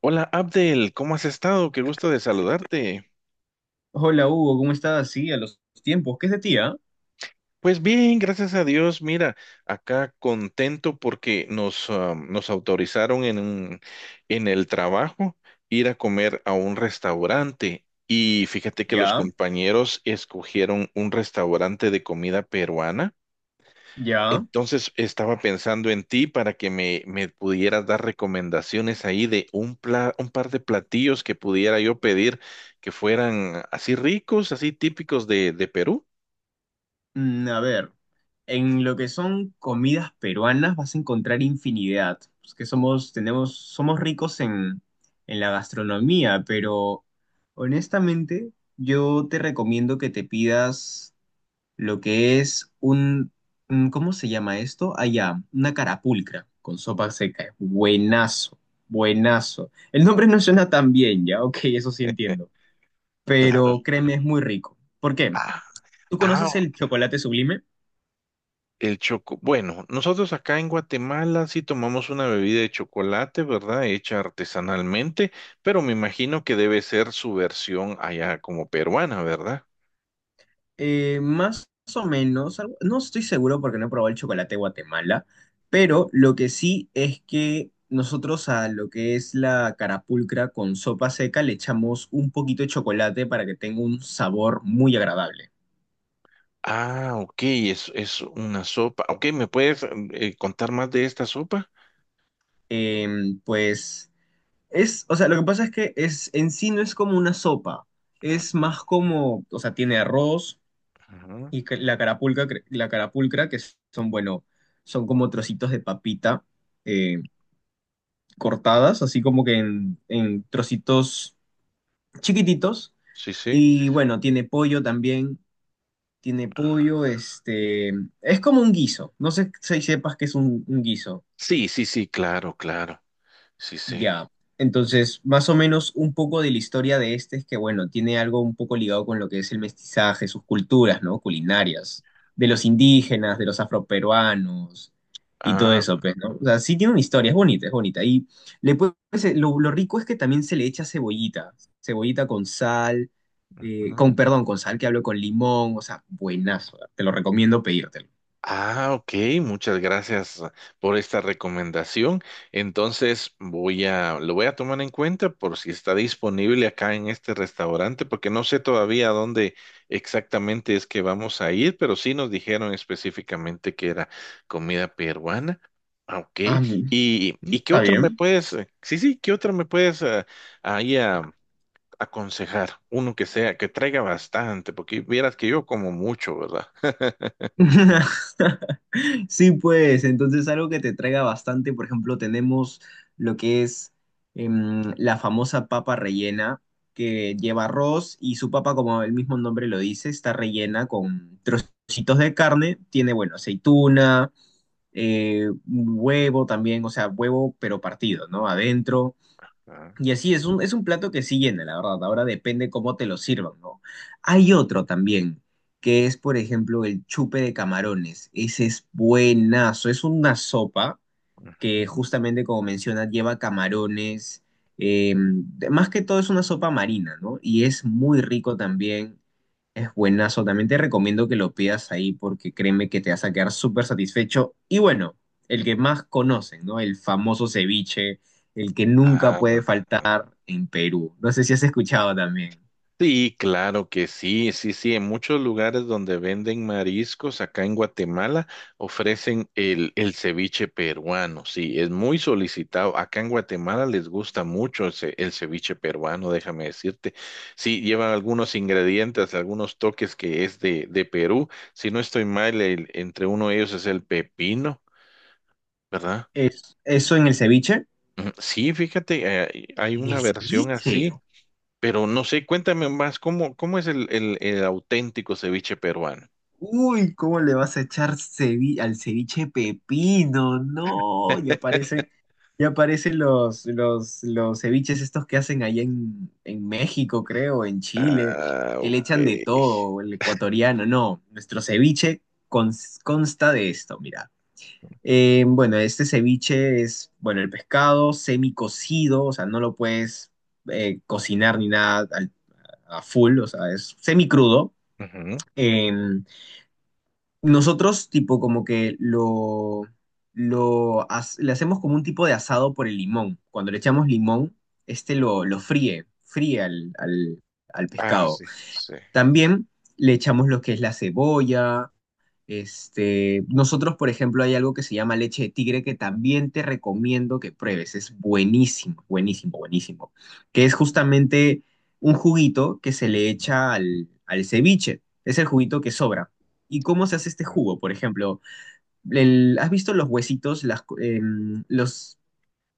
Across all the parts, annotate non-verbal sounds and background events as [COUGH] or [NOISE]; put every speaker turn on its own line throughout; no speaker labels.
Hola Abdel, ¿cómo has estado? Qué gusto de saludarte.
Hola Hugo, ¿cómo estás? Sí, a los tiempos. ¿Qué es de ti, ah?
Pues bien, gracias a Dios. Mira, acá contento porque nos autorizaron en el trabajo ir a comer a un restaurante. Y fíjate que los
Ya,
compañeros escogieron un restaurante de comida peruana.
ya.
Entonces estaba pensando en ti para que me pudieras dar recomendaciones ahí un par de platillos que pudiera yo pedir que fueran así ricos, así típicos de Perú.
A ver, en lo que son comidas peruanas vas a encontrar infinidad. Es que somos, tenemos, somos ricos en la gastronomía, pero honestamente yo te recomiendo que te pidas lo que es un- ¿cómo se llama esto? Allá, una carapulcra con sopa seca. Buenazo, buenazo. El nombre no suena tan bien, ya, ok, eso sí entiendo,
[LAUGHS] Claro.
pero créeme, es muy rico. ¿Por qué?
Ah,
¿Tú conoces
ah,
el chocolate sublime?
el choco. Bueno, nosotros acá en Guatemala sí tomamos una bebida de chocolate, ¿verdad? Hecha artesanalmente, pero me imagino que debe ser su versión allá como peruana, ¿verdad?
Más o menos, algo- no estoy seguro porque no he probado el chocolate de Guatemala, pero lo que sí es que nosotros a lo que es la carapulcra con sopa seca le echamos un poquito de chocolate para que tenga un sabor muy agradable.
Ah, ok, es una sopa. Ok, ¿me puedes contar más de esta sopa?
Pues es, o sea, lo que pasa es que es, en sí no es como una sopa, es
Ajá,
más como, o sea, tiene arroz
ajá.
y ca- la carapulca, cre- la carapulcra, que son, bueno, son como trocitos de papita eh, cortadas, así como que en trocitos chiquititos.
Sí, sí.
Y bueno, tiene pollo también, tiene
Ah.
pollo, este, es como un guiso, no sé si sepas que es un guiso.
Sí, sí, sí, claro, claro. Sí, sí.
Ya, entonces, más o menos un poco de la historia de este es que, bueno, tiene algo un poco ligado con lo que es el mestizaje, sus culturas, ¿no? Culinarias, de los indígenas, de los afroperuanos y todo
Ah.
eso, pues, ¿no? O sea, sí tiene una historia, es bonita, es bonita. Y le puedes- lo rico es que también se le echa cebollita, cebollita con sal, con, perdón, con sal que hablo con limón, o sea, buenazo, te lo recomiendo pedírtelo.
Ah, ok, muchas gracias por esta recomendación. Entonces lo voy a tomar en cuenta por si está disponible acá en este restaurante, porque no sé todavía a dónde exactamente es que vamos a ir, pero sí nos dijeron específicamente que era comida peruana. Ah, ok,
Ah,
¿y qué
está
otro me
bien.
puedes, sí, sí, qué otro me puedes ahí aconsejar? Uno que sea, que traiga bastante, porque vieras que yo como mucho, ¿verdad? [LAUGHS]
[LAUGHS] Sí, pues, entonces algo que te traiga bastante, por ejemplo, tenemos lo que es la famosa papa rellena, que lleva arroz y su papa, como el mismo nombre lo dice, está rellena con trocitos de carne, tiene, bueno, aceituna, un huevo también, o sea, huevo pero partido, ¿no? Adentro.
Ah,
Y así es un plato que sí llena, la verdad. Ahora depende cómo te lo sirvan, ¿no? Hay otro también, que es, por ejemplo, el chupe de camarones. Ese es buenazo. Es una sopa que
ujú.
justamente como mencionas lleva camarones, eh, más que todo es una sopa marina, ¿no? Y es muy rico también, es buenazo, también te recomiendo que lo pidas ahí porque créeme que te vas a quedar súper satisfecho. Y bueno, el que más conocen, ¿no? El famoso ceviche, el que nunca
Ah,
puede
ah.
faltar en Perú. No sé si has escuchado también.
Sí, claro que sí, sí, sí. En muchos lugares donde venden mariscos, acá en Guatemala, ofrecen el ceviche peruano. Sí, es muy solicitado. Acá en Guatemala les gusta mucho el ceviche peruano, déjame decirte. Sí, lleva algunos ingredientes, algunos toques que es de Perú. Si no estoy mal, entre uno de ellos es el pepino, ¿verdad?
Es, eso en el ceviche.
Mm, sí, fíjate, hay
En
una
el
versión
ceviche.
así. Pero no sé, cuéntame más, ¿cómo, cómo es el auténtico ceviche peruano?
Uy, ¿cómo le vas a echar cevi- al ceviche pepino? No, ya aparecen los ceviches estos que hacen allá en México, creo, en Chile,
Ah,
que le
ok.
echan de todo, el ecuatoriano. No, nuestro ceviche cons- consta de esto, mira. Bueno, este ceviche es, bueno, el pescado semicocido, o sea, no lo puedes cocinar ni nada al- a full, o sea, es semicrudo.
Ujú.
Crudo nosotros, tipo, como que lo as- le hacemos como un tipo de asado por el limón. Cuando le echamos limón, este lo fríe, fríe al, al- al
Ah,
pescado.
sí, sí.
También le echamos lo que es la cebolla, este, nosotros, por ejemplo, hay algo que se llama leche de tigre que también te recomiendo que pruebes. Es buenísimo, buenísimo, buenísimo. Que es justamente un juguito que se le
Ujú.
echa al, al ceviche. Es el juguito que sobra. ¿Y cómo se hace este jugo? Por ejemplo, el- ¿has visto los huesitos, las, co- los,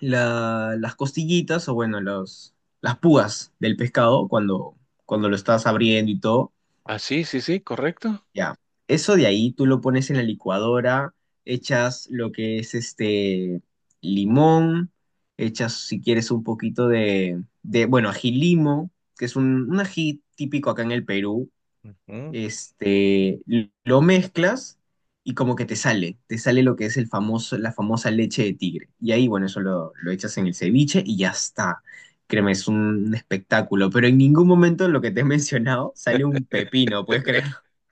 la- las costillitas o bueno, los, las púas del pescado cuando, cuando lo estás abriendo y todo?
Ah, sí, sí, sí, correcto.
Ya, eso de ahí tú lo pones en la licuadora, echas lo que es este limón, echas si quieres un poquito de bueno, ají limo, que es un ají típico acá en el Perú,
Ujú.
este, l- lo mezclas y como que te sale lo que es el famoso, la famosa leche de tigre. Y ahí, bueno, eso lo echas en el ceviche y ya está. Créeme, es un espectáculo, pero en ningún momento lo que te he mencionado sale un pepino, ¿puedes creer?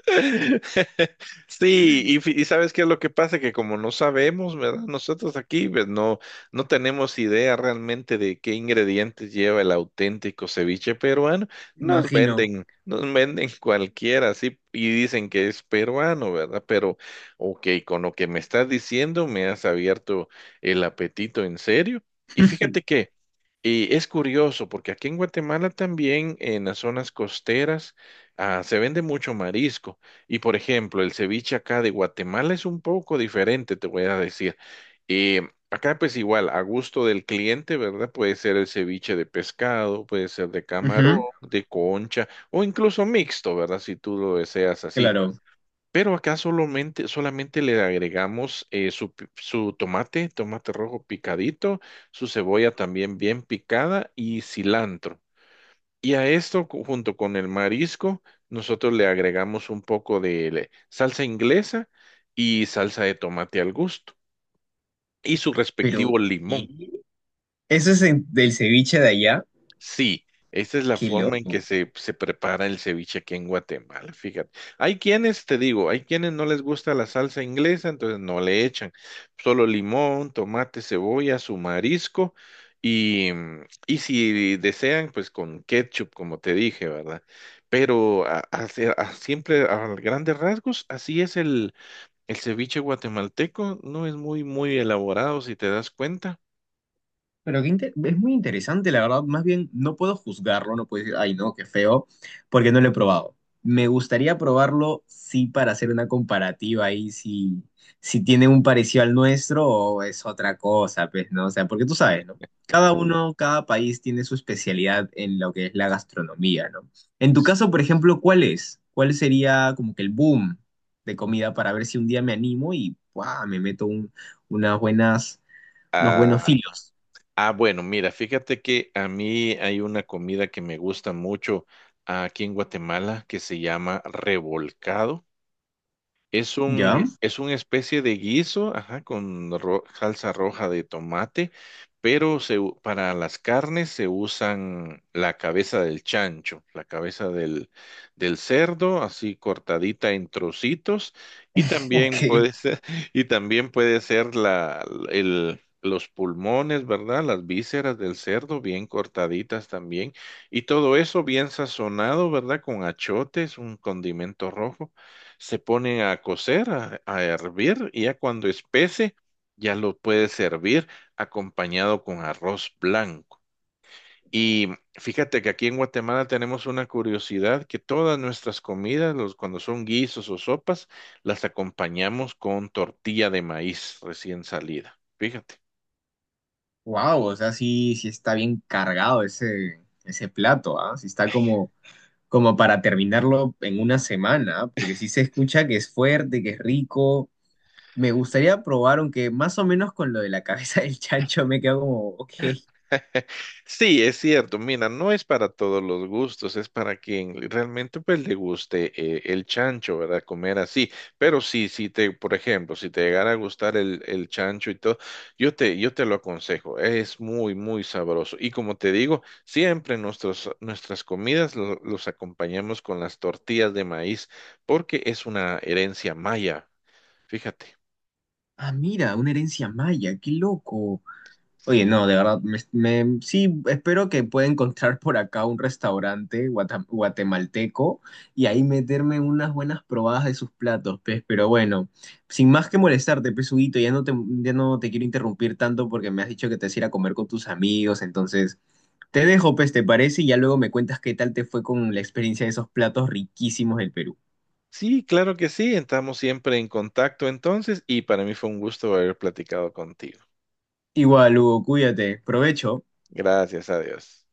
[LAUGHS] Sí, y sabes qué es lo que pasa, que como no sabemos, ¿verdad? Nosotros aquí pues, no, no tenemos idea realmente de qué ingredientes lleva el auténtico ceviche peruano.
[LAUGHS] Imagino.
Nos venden cualquiera, sí, y dicen que es peruano, ¿verdad? Pero, ok, con lo que me estás diciendo, me has abierto el apetito en serio. Y fíjate
[LAUGHS]
que es curioso, porque aquí en Guatemala también, en las zonas costeras, ah, se vende mucho marisco. Y por ejemplo, el ceviche acá de Guatemala es un poco diferente, te voy a decir. Acá pues igual, a gusto del cliente, ¿verdad? Puede ser el ceviche de pescado, puede ser de
Ujú,
camarón,
ujú,
de concha o incluso mixto, ¿verdad? Si tú lo deseas así.
claro,
Pero acá solamente, solamente le agregamos su tomate, tomate rojo picadito, su cebolla también bien picada y cilantro. Y a esto, junto con el marisco, nosotros le agregamos un poco de salsa inglesa y salsa de tomate al gusto y su
pero
respectivo limón.
¿qué? Eso es en- del ceviche de allá.
Sí, esa es la
Qué
forma en que
loco.
se prepara el ceviche aquí en Guatemala, fíjate. Hay quienes, te digo, hay quienes no les gusta la salsa inglesa, entonces no le echan solo limón, tomate, cebolla, su marisco y, y si desean, pues con ketchup, como te dije, ¿verdad? Pero siempre a grandes rasgos, así es el ceviche guatemalteco, no es muy, muy elaborado, si te das cuenta.
Pero qué inte- es muy interesante, la verdad. Más bien, no puedo juzgarlo, no puedo decir, ay, no, qué feo, porque no lo he probado. Me gustaría probarlo, sí, para hacer una comparativa ahí, si, si tiene un parecido al nuestro o es otra cosa, pues, ¿no? O sea, porque tú sabes, ¿no? Cada uno, cada país tiene su especialidad en lo que es la gastronomía, ¿no? En tu caso, por ejemplo, ¿cuál es? ¿Cuál sería como que el boom de comida para ver si un día me animo y, ¡guau! Me meto un- unas buenas, unos buenos
Ah.
filos,
Ah, bueno, mira, fíjate que a mí hay una comida que me gusta mucho aquí en Guatemala que se llama revolcado.
¿ya?
Es una especie de guiso, ajá, con salsa roja de tomate, pero para las carnes se usan la cabeza del chancho, la cabeza del cerdo, así cortadita en trocitos, y también
Ok,
puede ser, [LAUGHS] y también puede ser el, los pulmones, ¿verdad? Las vísceras del cerdo, bien cortaditas también, y todo eso bien sazonado, ¿verdad? Con achotes, un condimento rojo, se ponen a cocer, a hervir, y ya cuando espese, ya lo puedes servir acompañado con arroz blanco. Y fíjate que aquí en Guatemala tenemos una curiosidad que todas nuestras comidas, los, cuando son guisos o sopas, las acompañamos con tortilla de maíz recién salida. Fíjate.
wow, o sea, sí, sí está bien cargado ese, ese plato, ¿ah? Sí está como, como para terminarlo en una semana, ¿ah? Porque sí se escucha que es fuerte, que es rico. Me gustaría probar, aunque más o menos con lo de la cabeza [LAUGHS] del chancho me quedo como, ok,
[LAUGHS] Sí, es cierto. Mira, no es para todos los gustos, es para quien realmente pues le guste el chancho, ¿verdad? Comer así. Pero sí, por ejemplo, si te llegara a gustar el chancho y todo, yo te lo aconsejo. Es muy, muy sabroso. Y como te digo, siempre nuestras comidas los acompañamos con las tortillas de maíz, porque es una herencia maya. Fíjate.
ah, mira, una herencia maya, qué loco. Oye, no, de verdad, me- sí, espero que pueda encontrar por acá un restaurante guata- guatemalteco y ahí meterme unas buenas probadas de sus platos, pues, pero bueno, sin más que molestarte, pues, Huguito, ya no te quiero interrumpir tanto porque me has dicho que te vas a ir a comer con tus amigos, entonces te dejo, pues, ¿te parece? Y ya luego me cuentas qué tal te fue con la experiencia de esos platos riquísimos del Perú.
Sí, claro que sí, estamos siempre en contacto entonces y para mí fue un gusto haber platicado contigo.
Igual, Hugo, cuídate, provecho.
Gracias a Dios.